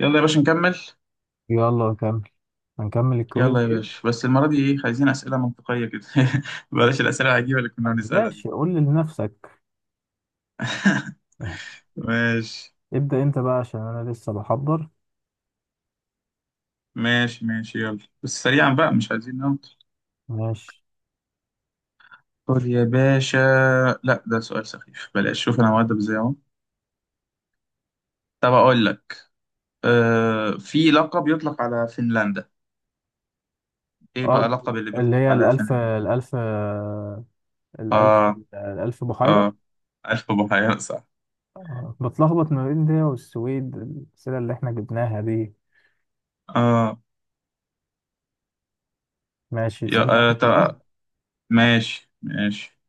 يلا يا باشا نكمل. يلا نكمل. هنكمل الكويز يلا يا جيم. باشا بس المرة دي ايه، عايزين أسئلة منطقية كده. بلاش الأسئلة العجيبة اللي كنا بنسألها دي. ماشي، قول لي لنفسك. ماشي ابدأ انت بقى عشان انا لسه بحضر. ماشي ماشي يلا، بس سريعا بقى مش عايزين نمط. ماشي. خد يا باشا. لا ده سؤال سخيف، بلاش. شوف انا مؤدب ازاي اهو. طب اقول لك، آه في لقب يطلق على فنلندا. ايه اه، بقى لقب اللي اللي بيطلق هي على الألف فنلندا؟ الألف الألف اه. الألف بحيرة. اه، ألف بحيرة صح. بتلخبط ما بين ده والسويد، الأسئلة اللي احنا جبناها دي. اه. ماشي، يا سألنا آه واحد كمان. طب ماشي ماشي.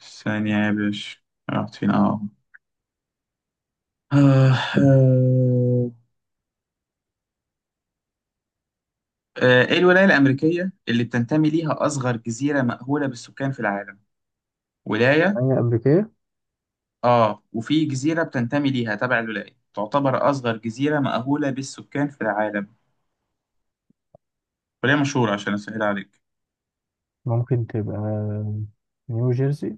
ثانية يا باشا، رحت فين؟ اه. آه، آه، ايه الولاية الأمريكية اللي بتنتمي ليها أصغر جزيرة مأهولة بالسكان في العالم؟ ولاية. هي أمريكية. آه، وفي جزيرة بتنتمي ليها تبع الولاية، تعتبر أصغر جزيرة مأهولة بالسكان في العالم. ولاية مشهورة عشان أسهل عليك. ممكن تبقى نيو جيرسي.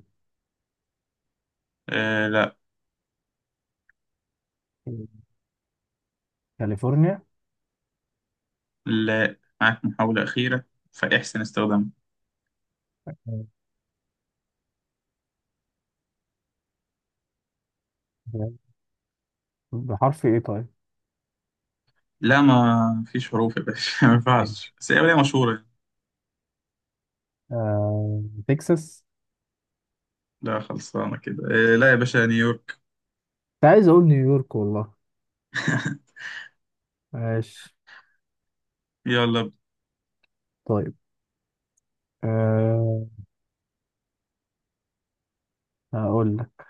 آه لا. كاليفورنيا. لا، معاك محاولة أخيرة فاحسن استخدامها. بحرف ايه طيب؟ لا ما فيش حروف يا باشا. ما ينفعش، بس هي ولاية مشهورة. آه، تكساس. لا خلصانة كده. آه لا يا باشا، نيويورك. كنت عايز اقول نيويورك والله. ماشي. يلا. طيب. أه هقول لك.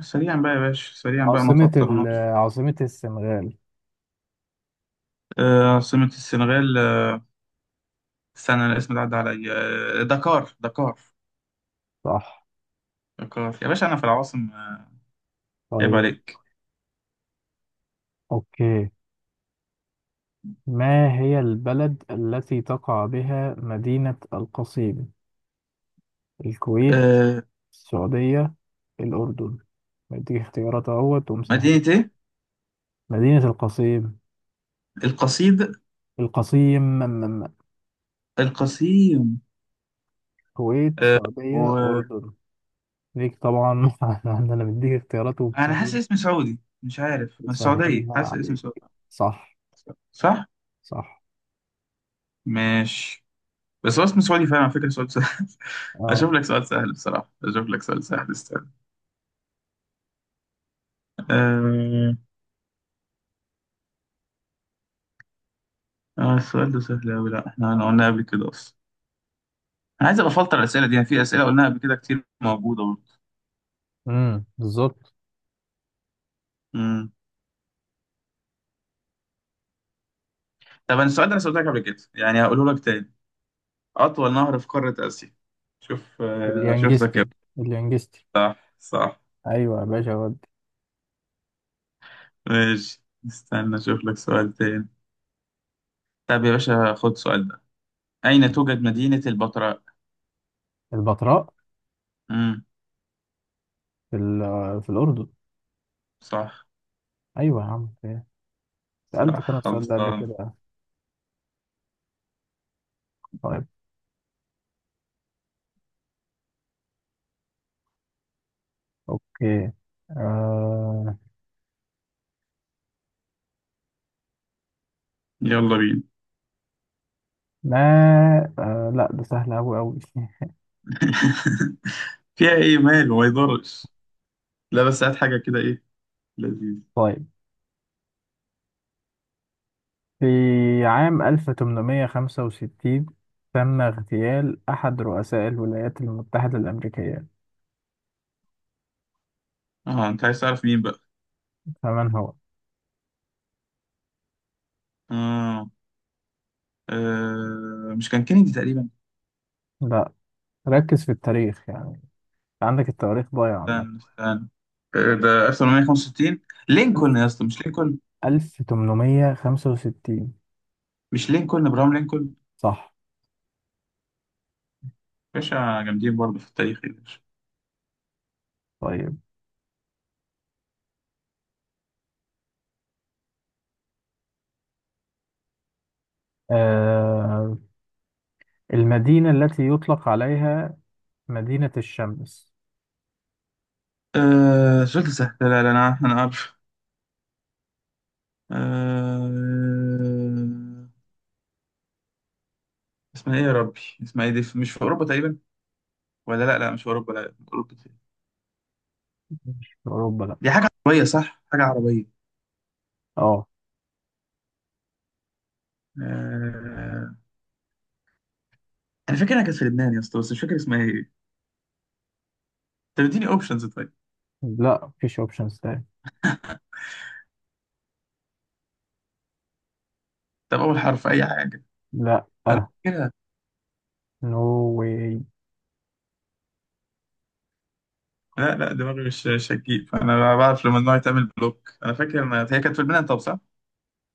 سريعا بقى يا باشا، سريعا بقى ما عاصمة ال تعطلناش. عاصمة السنغال. عاصمة السنغال. استنى الاسم ده عدى عليا. دكار دكار. صح. دكار يا باشا، أنا في العواصم عيب طيب. عليك. أوكي. ما هي البلد التي تقع بها مدينة القصيم؟ الكويت، آه. السعودية، الأردن. بديك اختيارات اهوت ومسهل. مدينة إيه؟ مدينة القصيم. القصيد. القصيم. القصيم. الكويت، آه، السعودية، وأنا أردن. ليك طبعا. أنا مديك اختيارات حاسس ومسهلة، اسم سعودي، مش عارف، من السعودية، مسهلها حاسس اسم عليك. سعودي. صح. صح؟ صح. ماشي. بس هو اسم سعودي فعلا على فكرة، سؤال سهل. اه. أشوف لك سؤال سهل بصراحة، أشوف لك سؤال سهل. استنى. آه، اه السؤال ده سهل أوي، لا احنا أنا قلنا قبل كده أصلا. أنا عايز أبقى أفلتر الأسئلة دي، يعني في أسئلة قلناها قبل كده كتير موجودة برضه. امم، بالظبط. امم طب أنا السؤال ده أنا سألتك قبل كده يعني، هقوله لك تاني. أطول نهر في قارة آسيا. شوف، شوف ذكاء. اليانجستي. اليانجستي. صح صح. ايوه يا باشا ودي. ماشي، استنى أشوف لك سؤال تاني. طب يا باشا، خد السؤال ده. أين توجد مدينة البتراء؟ البتراء؟ امم في الاردن. صح. ايوه يا عم، في إيه؟ سالتك انا صح، السؤال ده قبل خلصان. كده. طيب. اوكي. آه، يلا بينا. ما، لا، ده سهل أوي أوي. فيها إيه؟ مال وما يضرش. لا بس هات حاجة كده، إيه لذيذ. طيب، في عام 1865 تم اغتيال أحد رؤساء الولايات المتحدة الأمريكية، اه انت عايز تعرف مين بقى. فمن هو؟ آه. آه. مش كان كينيدي تقريبا؟ لا، ركز في التاريخ يعني. عندك التواريخ ضايعة عامة. استنى استنى. آه. ده 1865. لينكولن يا اسطى. مش لينكولن، 1865. مش لينكولن، ابراهام لينكولن. صح. باشا جامدين برضه في التاريخ يا باشا. طيب. آه المدينة التي يطلق عليها مدينة الشمس. آه. سؤال سهل. لا، انا عارف انا عارف. آه. اسمها ايه يا ربي؟ اسمها ايه؟ دي مش في اوروبا تقريبا؟ ولا لا لا، مش في اوروبا. لا اوروبا دي. مش في أوروبا لأ. دي حاجه عربيه صح، حاجه عربيه. اه. آه... انا فاكر انها كانت في لبنان يا اسطى، بس مش فاكر اسمها ايه. طب اديني اوبشنز طيب. لأ مفيش أوبشنز تاني. طب اول حرف، اي حاجه. لأ. انا فاكر. نو واي. لا لا، دماغي مش شكيك، فانا بعرف لما النوع يتعمل بلوك. انا فاكر إن هي كانت في لبنان، طب صح؟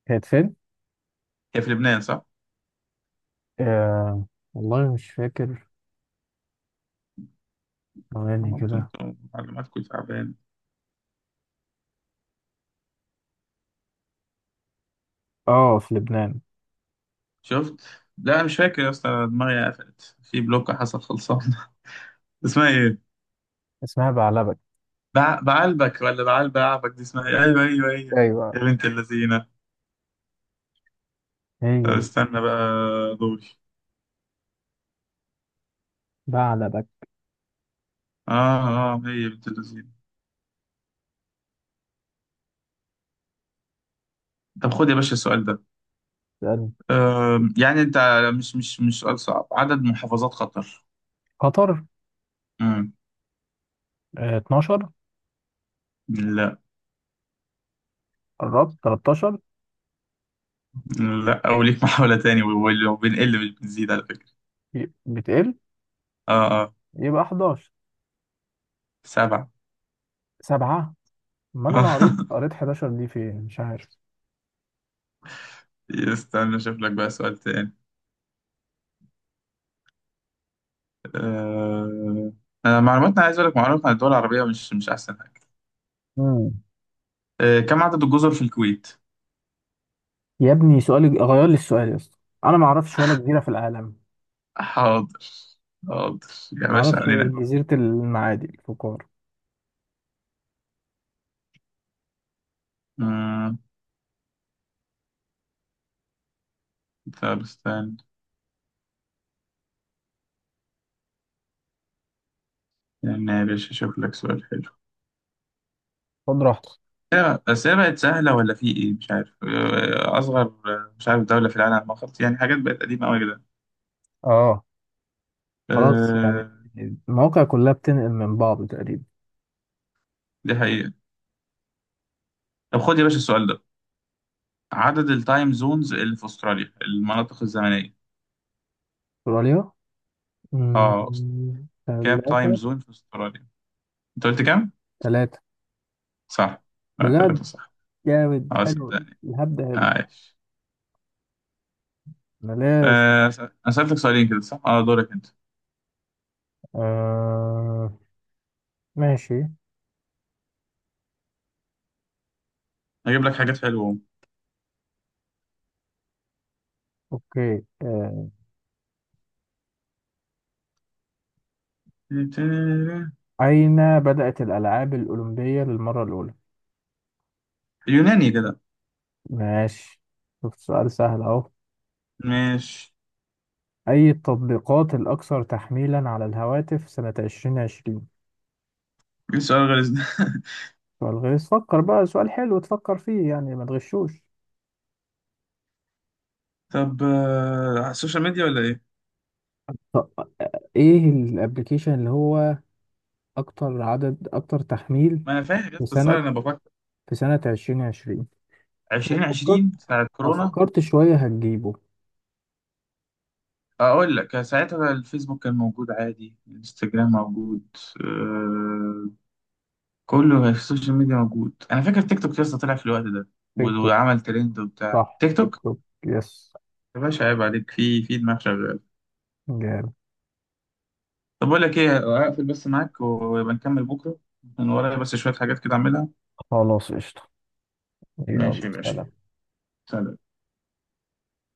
كانت فين؟ هي في لبنان صح؟ آه والله مش فاكر. ثواني أنا قلت كده. لكم معلوماتكم تعبان. اه، في لبنان. شفت؟ لا أنا مش فاكر يا اسطى، دماغي قفلت في بلوك، حصل خلصان. اسمها ايه؟ اسمها بعلبك. بعلبك ولا بعلب بعبك؟ دي اسمها ايه؟ ايوه ايوه ايوه. يا ايوه، بنت اللذينه. طب هي دي. استنى بقى دوري. بعلبك. اه. اه هي بنت اللذينه. طب خد يا باشا السؤال ده. سألني. يعني انت، مش سؤال صعب، عدد محافظات قطر. قطر. امم 12. لا. قربت 13. لا، او ليك محاولة تاني، وبنقل مش بنزيد على فكرة. بتقل، اه اه. يبقى 11. سبعة. سبعة. أمال أنا قريت، آه. 11 دي فين مش عارف. استنى اشوف لك بقى سؤال تاني. آه... انا معلوماتنا، عايز اقول لك، معلومات عن الدول العربية مش مش احسن حاجة. كم عدد الجزر في الكويت؟ يا ابني، سؤالي غير لي السؤال يا اسطى. انا ما اعرفش ولا جزيره في العالم. حاضر. حاضر يا ما باشا اعرفش غير علينا. جزيره المعادي الفقار. مم، طب استنى يعني يا باشا، اشوف لك سؤال حلو. خد راحتك. بس هي بقت سهلة ولا في ايه مش عارف. اصغر، مش عارف، دولة في العالم ما خدت، يعني حاجات بقت قديمة قوي كده. اه، خلاص يعني، آه، المواقع كلها بتنقل من بعض تقريبا. دي حقيقة. طب خد يا باشا السؤال ده. عدد التايم زونز اللي في استراليا، المناطق الزمنيه. استراليا. اه. كام تايم ثلاثة. زون في استراليا؟ انت قلت كام؟ ثلاثة. صح. لا بجد؟ ثلاثه صح. جامد، اه حلو. صدقني. الهبد ده، حلو. عايش. ملاش. انا سالتك سؤالين كده صح، اه دورك انت. آه، ماشي. هجيب لك حاجات حلوه اهو. اوكي. أين بدأت الألعاب الأولمبية للمرة الأولى؟ يوناني كده. ماشي. شوف سؤال سهل أهو. مش، أي التطبيقات الأكثر تحميلا على الهواتف سنة 2020؟ ايه السؤال غير ده؟ سؤال غيظ. فكر بقى سؤال حلو تفكر فيه يعني، ما تغشوش. طب على السوشيال ميديا ولا ايه؟ طب، إيه الأبليكيشن اللي هو أكتر عدد، أكتر تحميل ما انا فاهم يا في اسطى السؤال، سنة انا بفكر. في سنة 2020؟ لو فكرت 2020، ساعه لو كورونا. فكرت شوية هتجيبه. اقول لك ساعتها الفيسبوك كان موجود عادي، الانستجرام موجود. آه. كله في السوشيال ميديا موجود. انا فاكر تيك توك لسه طلع في الوقت ده، تيك توك. وعمل ترند وبتاع، صح، تيك تيك توك. توك. يس. يا باشا عيب عليك، في دماغ شغال. جامد. طب اقول لك ايه، اقفل بس معاك ويبقى نكمل بكره. من ورايا بس شويه حاجات كده اعملها. خلاص قشطة. يلا ماشي يا باشا. سلام. سلام.